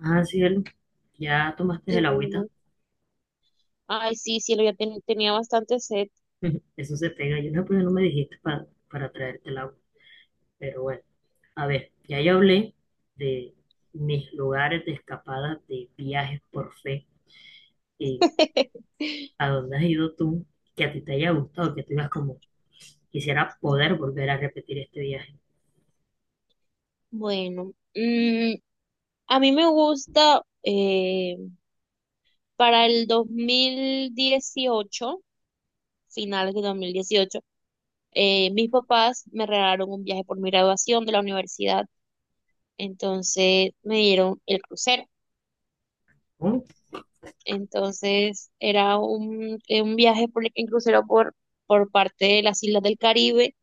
Ah, cielo, ya tomaste De el una. agüita. Ay, sí, cielo, ya tenía bastante sed. Eso se pega. Yo no, pues no me dijiste para traerte el agua. Pero bueno, a ver, ya yo hablé de mis lugares de escapada, de viajes por fe, y a dónde has ido tú, que a ti te haya gustado, que tú digas como, quisiera poder volver a repetir este viaje. Bueno, a mí me gusta para el 2018, finales de 2018, mis papás me regalaron un viaje por mi graduación de la universidad, entonces me dieron el crucero. Oh, Entonces era un viaje en crucero por parte de las Islas del Caribe,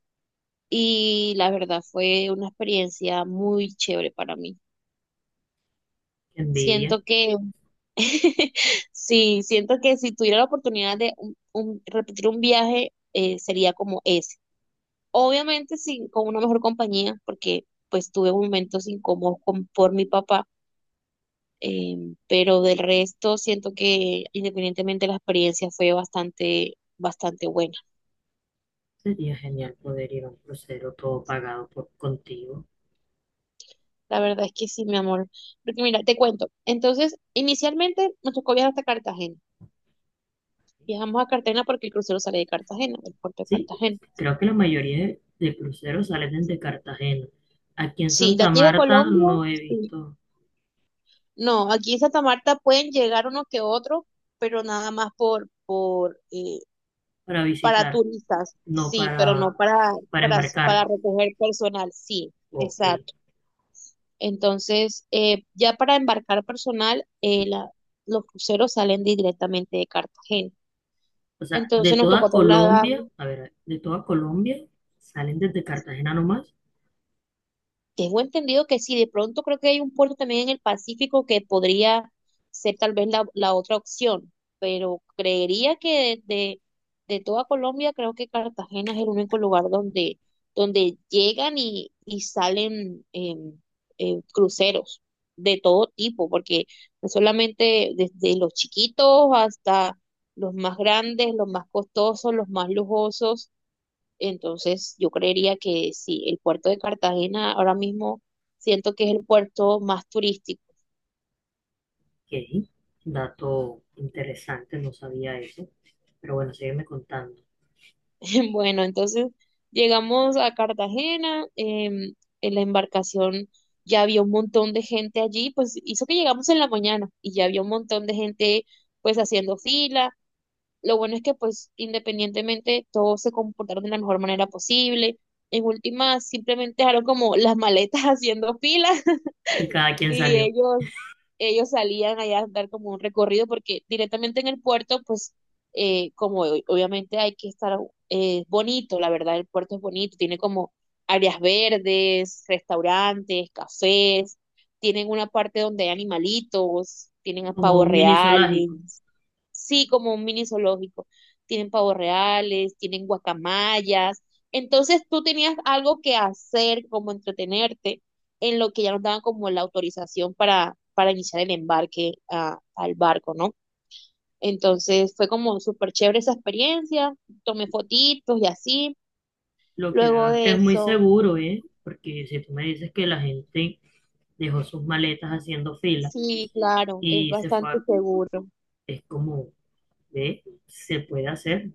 y la verdad fue una experiencia muy chévere para mí. qué envidia. Siento que, sí, siento que si tuviera la oportunidad de repetir un viaje, sería como ese. Obviamente sí, con una mejor compañía, porque pues tuve momentos incómodos por mi papá, eh, pero del resto siento que independientemente la experiencia fue bastante, bastante buena. Sería genial poder ir a un crucero todo pagado por contigo. La verdad es que sí, mi amor. Porque mira, te cuento. Entonces, inicialmente nos tocó viajar hasta Cartagena. Viajamos a Cartagena porque el crucero sale de Cartagena, del puerto de Sí, Cartagena. creo que la mayoría de cruceros salen desde Cartagena. Aquí en Sí, de Santa aquí de Marta Colombia, no he sí. visto No, aquí en Santa Marta pueden llegar unos que otros, pero nada más para para visitar, turistas, no sí, pero no para, para, para para embarcar. recoger personal, sí, Ok. exacto. Entonces, ya para embarcar personal, los cruceros salen directamente de Cartagena. O sea, Entonces de nos tocó toda trasladar. Colombia, a ver, de toda Colombia salen desde Cartagena nomás. Tengo entendido que sí, de pronto creo que hay un puerto también en el Pacífico que podría ser tal vez la otra opción, pero creería de toda Colombia creo que Cartagena es el único lugar donde, donde llegan y salen cruceros de todo tipo, porque no solamente desde los chiquitos hasta los más grandes, los más costosos, los más lujosos. Entonces, yo creería que sí, el puerto de Cartagena ahora mismo siento que es el puerto más turístico. Ok. Dato interesante, no sabía eso. Pero bueno, sígueme contando. Bueno, entonces llegamos a Cartagena, en la embarcación ya había un montón de gente allí, pues hizo que llegamos en la mañana y ya había un montón de gente pues haciendo fila. Lo bueno es que pues independientemente todos se comportaron de la mejor manera posible. En última, simplemente dejaron como las maletas haciendo fila, Y cada quien y salió ellos ellos salían allá a dar como un recorrido porque directamente en el puerto, pues obviamente hay que estar bonito, la verdad el puerto es bonito, tiene como áreas verdes, restaurantes, cafés, tienen una parte donde hay animalitos, tienen a como pavos un mini zoológico. reales. Sí, como un mini zoológico. Tienen pavos reales, tienen guacamayas. Entonces tú tenías algo que hacer, como entretenerte, en lo que ya nos daban como la autorización para iniciar el embarque al barco, ¿no? Entonces fue como súper chévere esa experiencia. Tomé fotitos y así. Lo que Luego veo es que de es muy eso, seguro, ¿eh? Porque si tú me dices que la gente dejó sus maletas haciendo fila sí, claro, es y se bastante seguro. es como, ve, se puede hacer.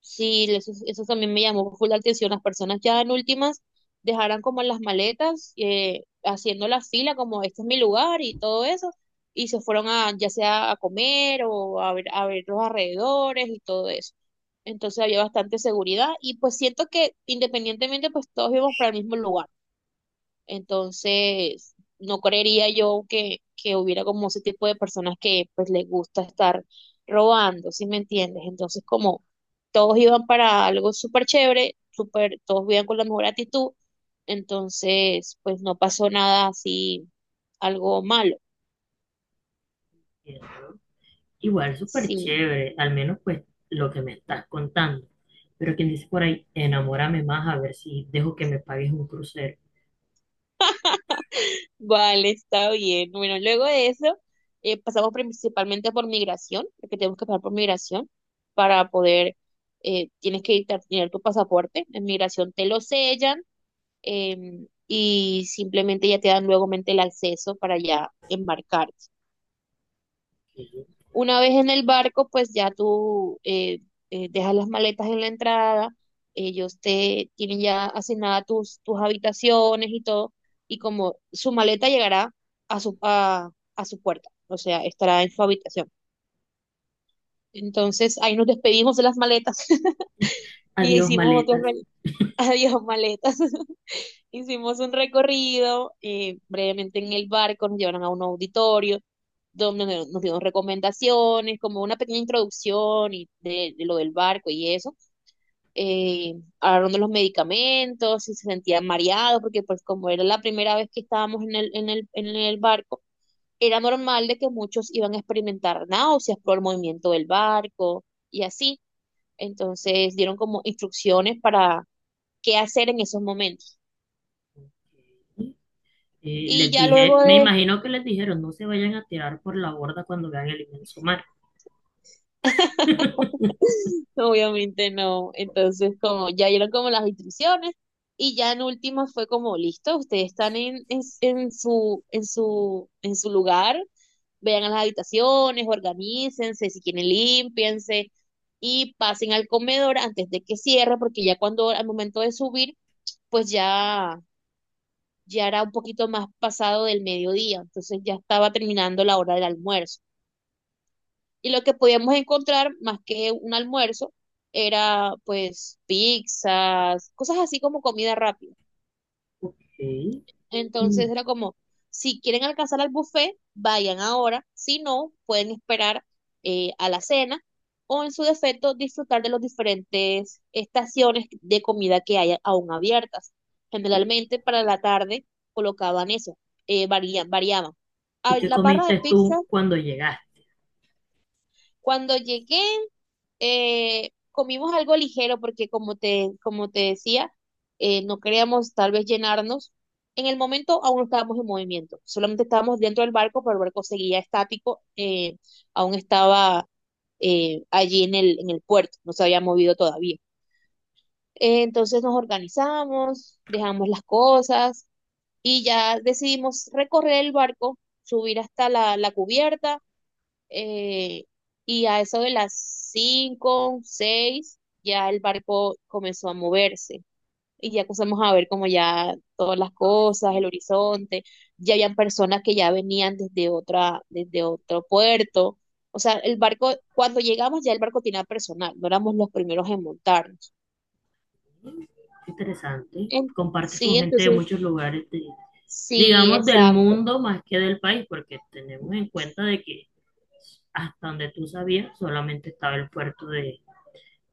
Sí, eso también me llamó full la atención. Las personas ya en últimas dejaran como las maletas, haciendo la fila como este es mi lugar y todo eso, y se fueron a ya sea a comer o a ver los alrededores y todo eso. Entonces había bastante seguridad y pues siento que independientemente pues todos íbamos para el mismo lugar. Entonces, no creería yo que hubiera como ese tipo de personas que pues les gusta estar robando, ¿sí me entiendes? Entonces, como todos iban para algo súper chévere, súper, todos iban con la mejor actitud, entonces, pues no pasó nada así, algo malo, Y, ¿no? Igual súper sí. chévere, al menos pues lo que me estás contando. Pero quien dice por ahí, enamórame más a ver si dejo que me pagues un crucero. Vale, está bien. Bueno, luego de eso, pasamos principalmente por migración, porque tenemos que pasar por migración para poder, tener tu pasaporte. En migración te lo sellan, y simplemente ya te dan luego el acceso para ya embarcar. Que- Una vez en el barco, pues ya tú dejas las maletas en la entrada, ellos te tienen ya asignadas tus habitaciones y todo, y como su maleta llegará a a su puerta, o sea, estará en su habitación. Entonces ahí nos despedimos de las maletas. y Adiós, hicimos otro maletas. re- Adiós, maletas. Hicimos un recorrido, brevemente en el barco, nos llevaron a un auditorio donde nos dieron recomendaciones, como una pequeña introducción y de lo del barco y eso. Eh, hablaron de los medicamentos, si se sentían mareados, porque pues como era la primera vez que estábamos en el barco, era normal de que muchos iban a experimentar náuseas por el movimiento del barco y así. Entonces dieron como instrucciones para qué hacer en esos momentos. Y Les ya dije, luego me de... imagino que les dijeron, no se vayan a tirar por la borda cuando vean el inmenso mar. Obviamente no. Entonces, como ya dieron como las instrucciones y ya en último fue como, listo, ustedes están en su lugar, vean a las habitaciones, organícense, si quieren límpiense y pasen al comedor antes de que cierre, porque ya cuando al momento de subir, pues ya, ya era un poquito más pasado del mediodía, entonces ya estaba terminando la hora del almuerzo. Y lo que podíamos encontrar, más que un almuerzo, era pues pizzas, cosas así como comida rápida. Ok. Entonces Mm, era como, si quieren alcanzar al buffet, vayan ahora, si no, pueden esperar a la cena o en su defecto disfrutar de las diferentes estaciones de comida que hay aún abiertas. ¿Y Generalmente para la tarde colocaban eso, variaban. Y qué La barra de comiste tú pizza, cuando llegaste? cuando llegué. Comimos algo ligero porque como te decía, no queríamos tal vez llenarnos. En el momento aún no estábamos en movimiento, solamente estábamos dentro del barco, pero el barco seguía estático, aún estaba allí en el puerto, no se había movido todavía. Entonces nos organizamos, dejamos las cosas y ya decidimos recorrer el barco, subir hasta la cubierta, eh, y a eso de las cinco, seis, ya el barco comenzó a moverse y ya comenzamos a ver como ya todas las cosas, el horizonte, ya habían personas que ya venían desde desde otro puerto. O sea, el barco, cuando llegamos ya el barco tenía personal, no éramos los primeros en montarnos. Interesante. Compartes Sí, con gente de entonces, muchos lugares, de- sí, digamos, del exacto. mundo más que del país, porque tenemos en cuenta de que hasta donde tú sabías solamente estaba el puerto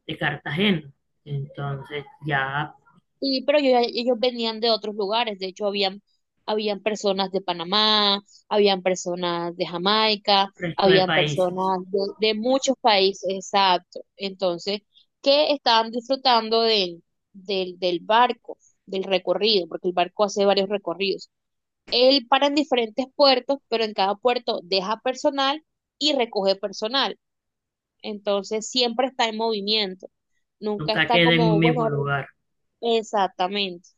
de Cartagena. Entonces, ya Sí, pero ellos venían de otros lugares, de hecho habían personas de Panamá, habían personas de Jamaica, resto de habían países personas de muchos países, exacto, entonces, que estaban disfrutando del barco, del recorrido, porque el barco hace varios recorridos. Él para en diferentes puertos, pero en cada puerto deja personal y recoge personal, entonces siempre está en movimiento, nunca nunca está queda en un como, mismo bueno, lugar. exactamente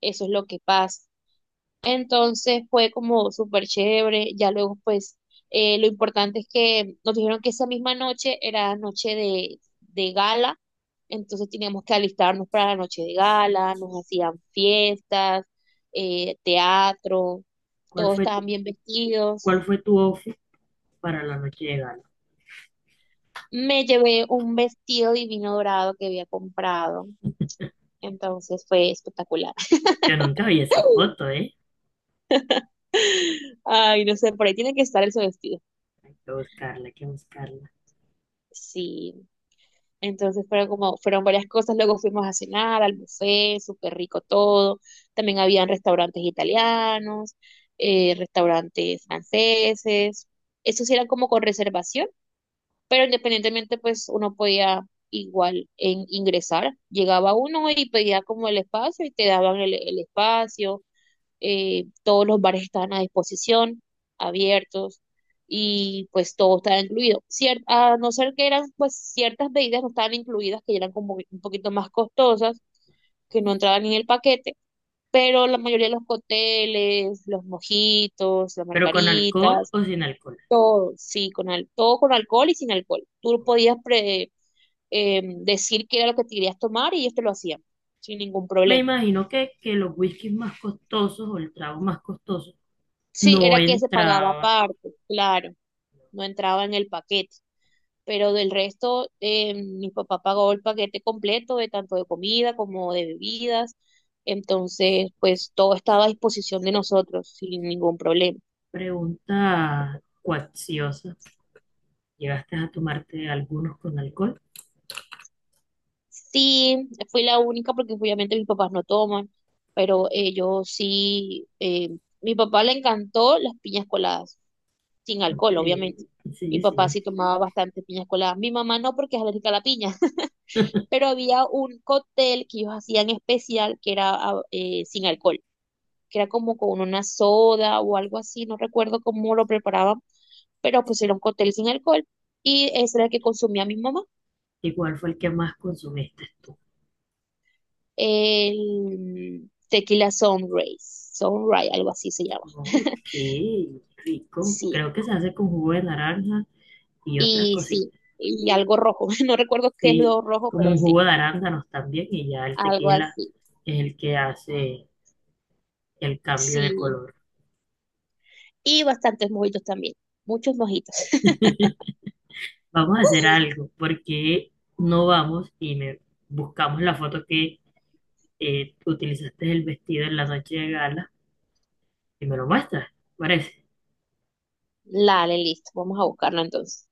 eso es lo que pasa. Entonces fue como súper chévere, ya luego pues lo importante es que nos dijeron que esa misma noche era noche de gala, entonces teníamos que alistarnos para la noche de gala, nos hacían fiestas, teatro, ¿Cuál todos fue tu, estaban bien vestidos. cuál fue tu outfit para la noche de gala? Me llevé un vestido divino dorado que había comprado, entonces fue espectacular. Yo nunca vi esa foto, ¿eh? Ay, no sé, por ahí tiene que estar ese vestido. Hay que buscarla, hay que buscarla. Sí. Entonces fueron como, fueron varias cosas, luego fuimos a cenar al buffet, súper rico todo, también habían restaurantes italianos, restaurantes franceses, esos eran como con reservación, pero independientemente pues uno podía ingresar, llegaba uno y pedía como el espacio y te daban el espacio, todos los bares estaban a disposición, abiertos, y pues todo estaba incluido. A no ser que eran, pues ciertas bebidas no estaban incluidas, que eran como un poquito más costosas, que no entraban en el paquete, pero la mayoría de los cócteles, los mojitos, las ¿Pero con alcohol margaritas, o sin alcohol? todo, sí, todo con alcohol y sin alcohol. Tú podías decir qué era lo que te querías tomar y ellos te lo hacían, sin ningún Me problema. imagino que los whiskies más costosos o el trago más costoso Sí, no era que se pagaba entraba. aparte, claro. No entraba en el paquete. Pero del resto, mi papá pagó el paquete completo de tanto de comida como de bebidas. Entonces, pues todo estaba a disposición de nosotros sin ningún problema. Pregunta cuacciosa. ¿Llegaste a tomarte algunos con alcohol? Sí, fui la única porque obviamente mis papás no toman, pero ellos sí, mi papá le encantó las piñas coladas, sin alcohol, Eh, obviamente. Mi sí, papá sí. sí tomaba bastante piñas coladas. Mi mamá no porque es alérgica a la piña. Pero había un cóctel que ellos hacían especial que era sin alcohol, que era como con una soda o algo así, no recuerdo cómo lo preparaban, pero pues era un cóctel sin alcohol y ese era el que consumía mi mamá, ¿Y cuál fue el que más consumiste tú? el tequila sunrise, sunrise, algo así se llama. Ok, rico. Sí, Creo que se hace con jugo de naranja y otras y cositas. sí, y algo rojo, no recuerdo qué es Sí, lo rojo, como pero un sí, jugo de arándanos también y ya el algo tequila así. es el que hace el cambio de Sí, color. y bastantes mojitos también, muchos mojitos. Vamos a hacer algo, porque no vamos y me buscamos la foto que utilizaste el vestido en la noche de gala y me lo muestras, ¿te parece? Dale, listo, vamos a buscarlo entonces.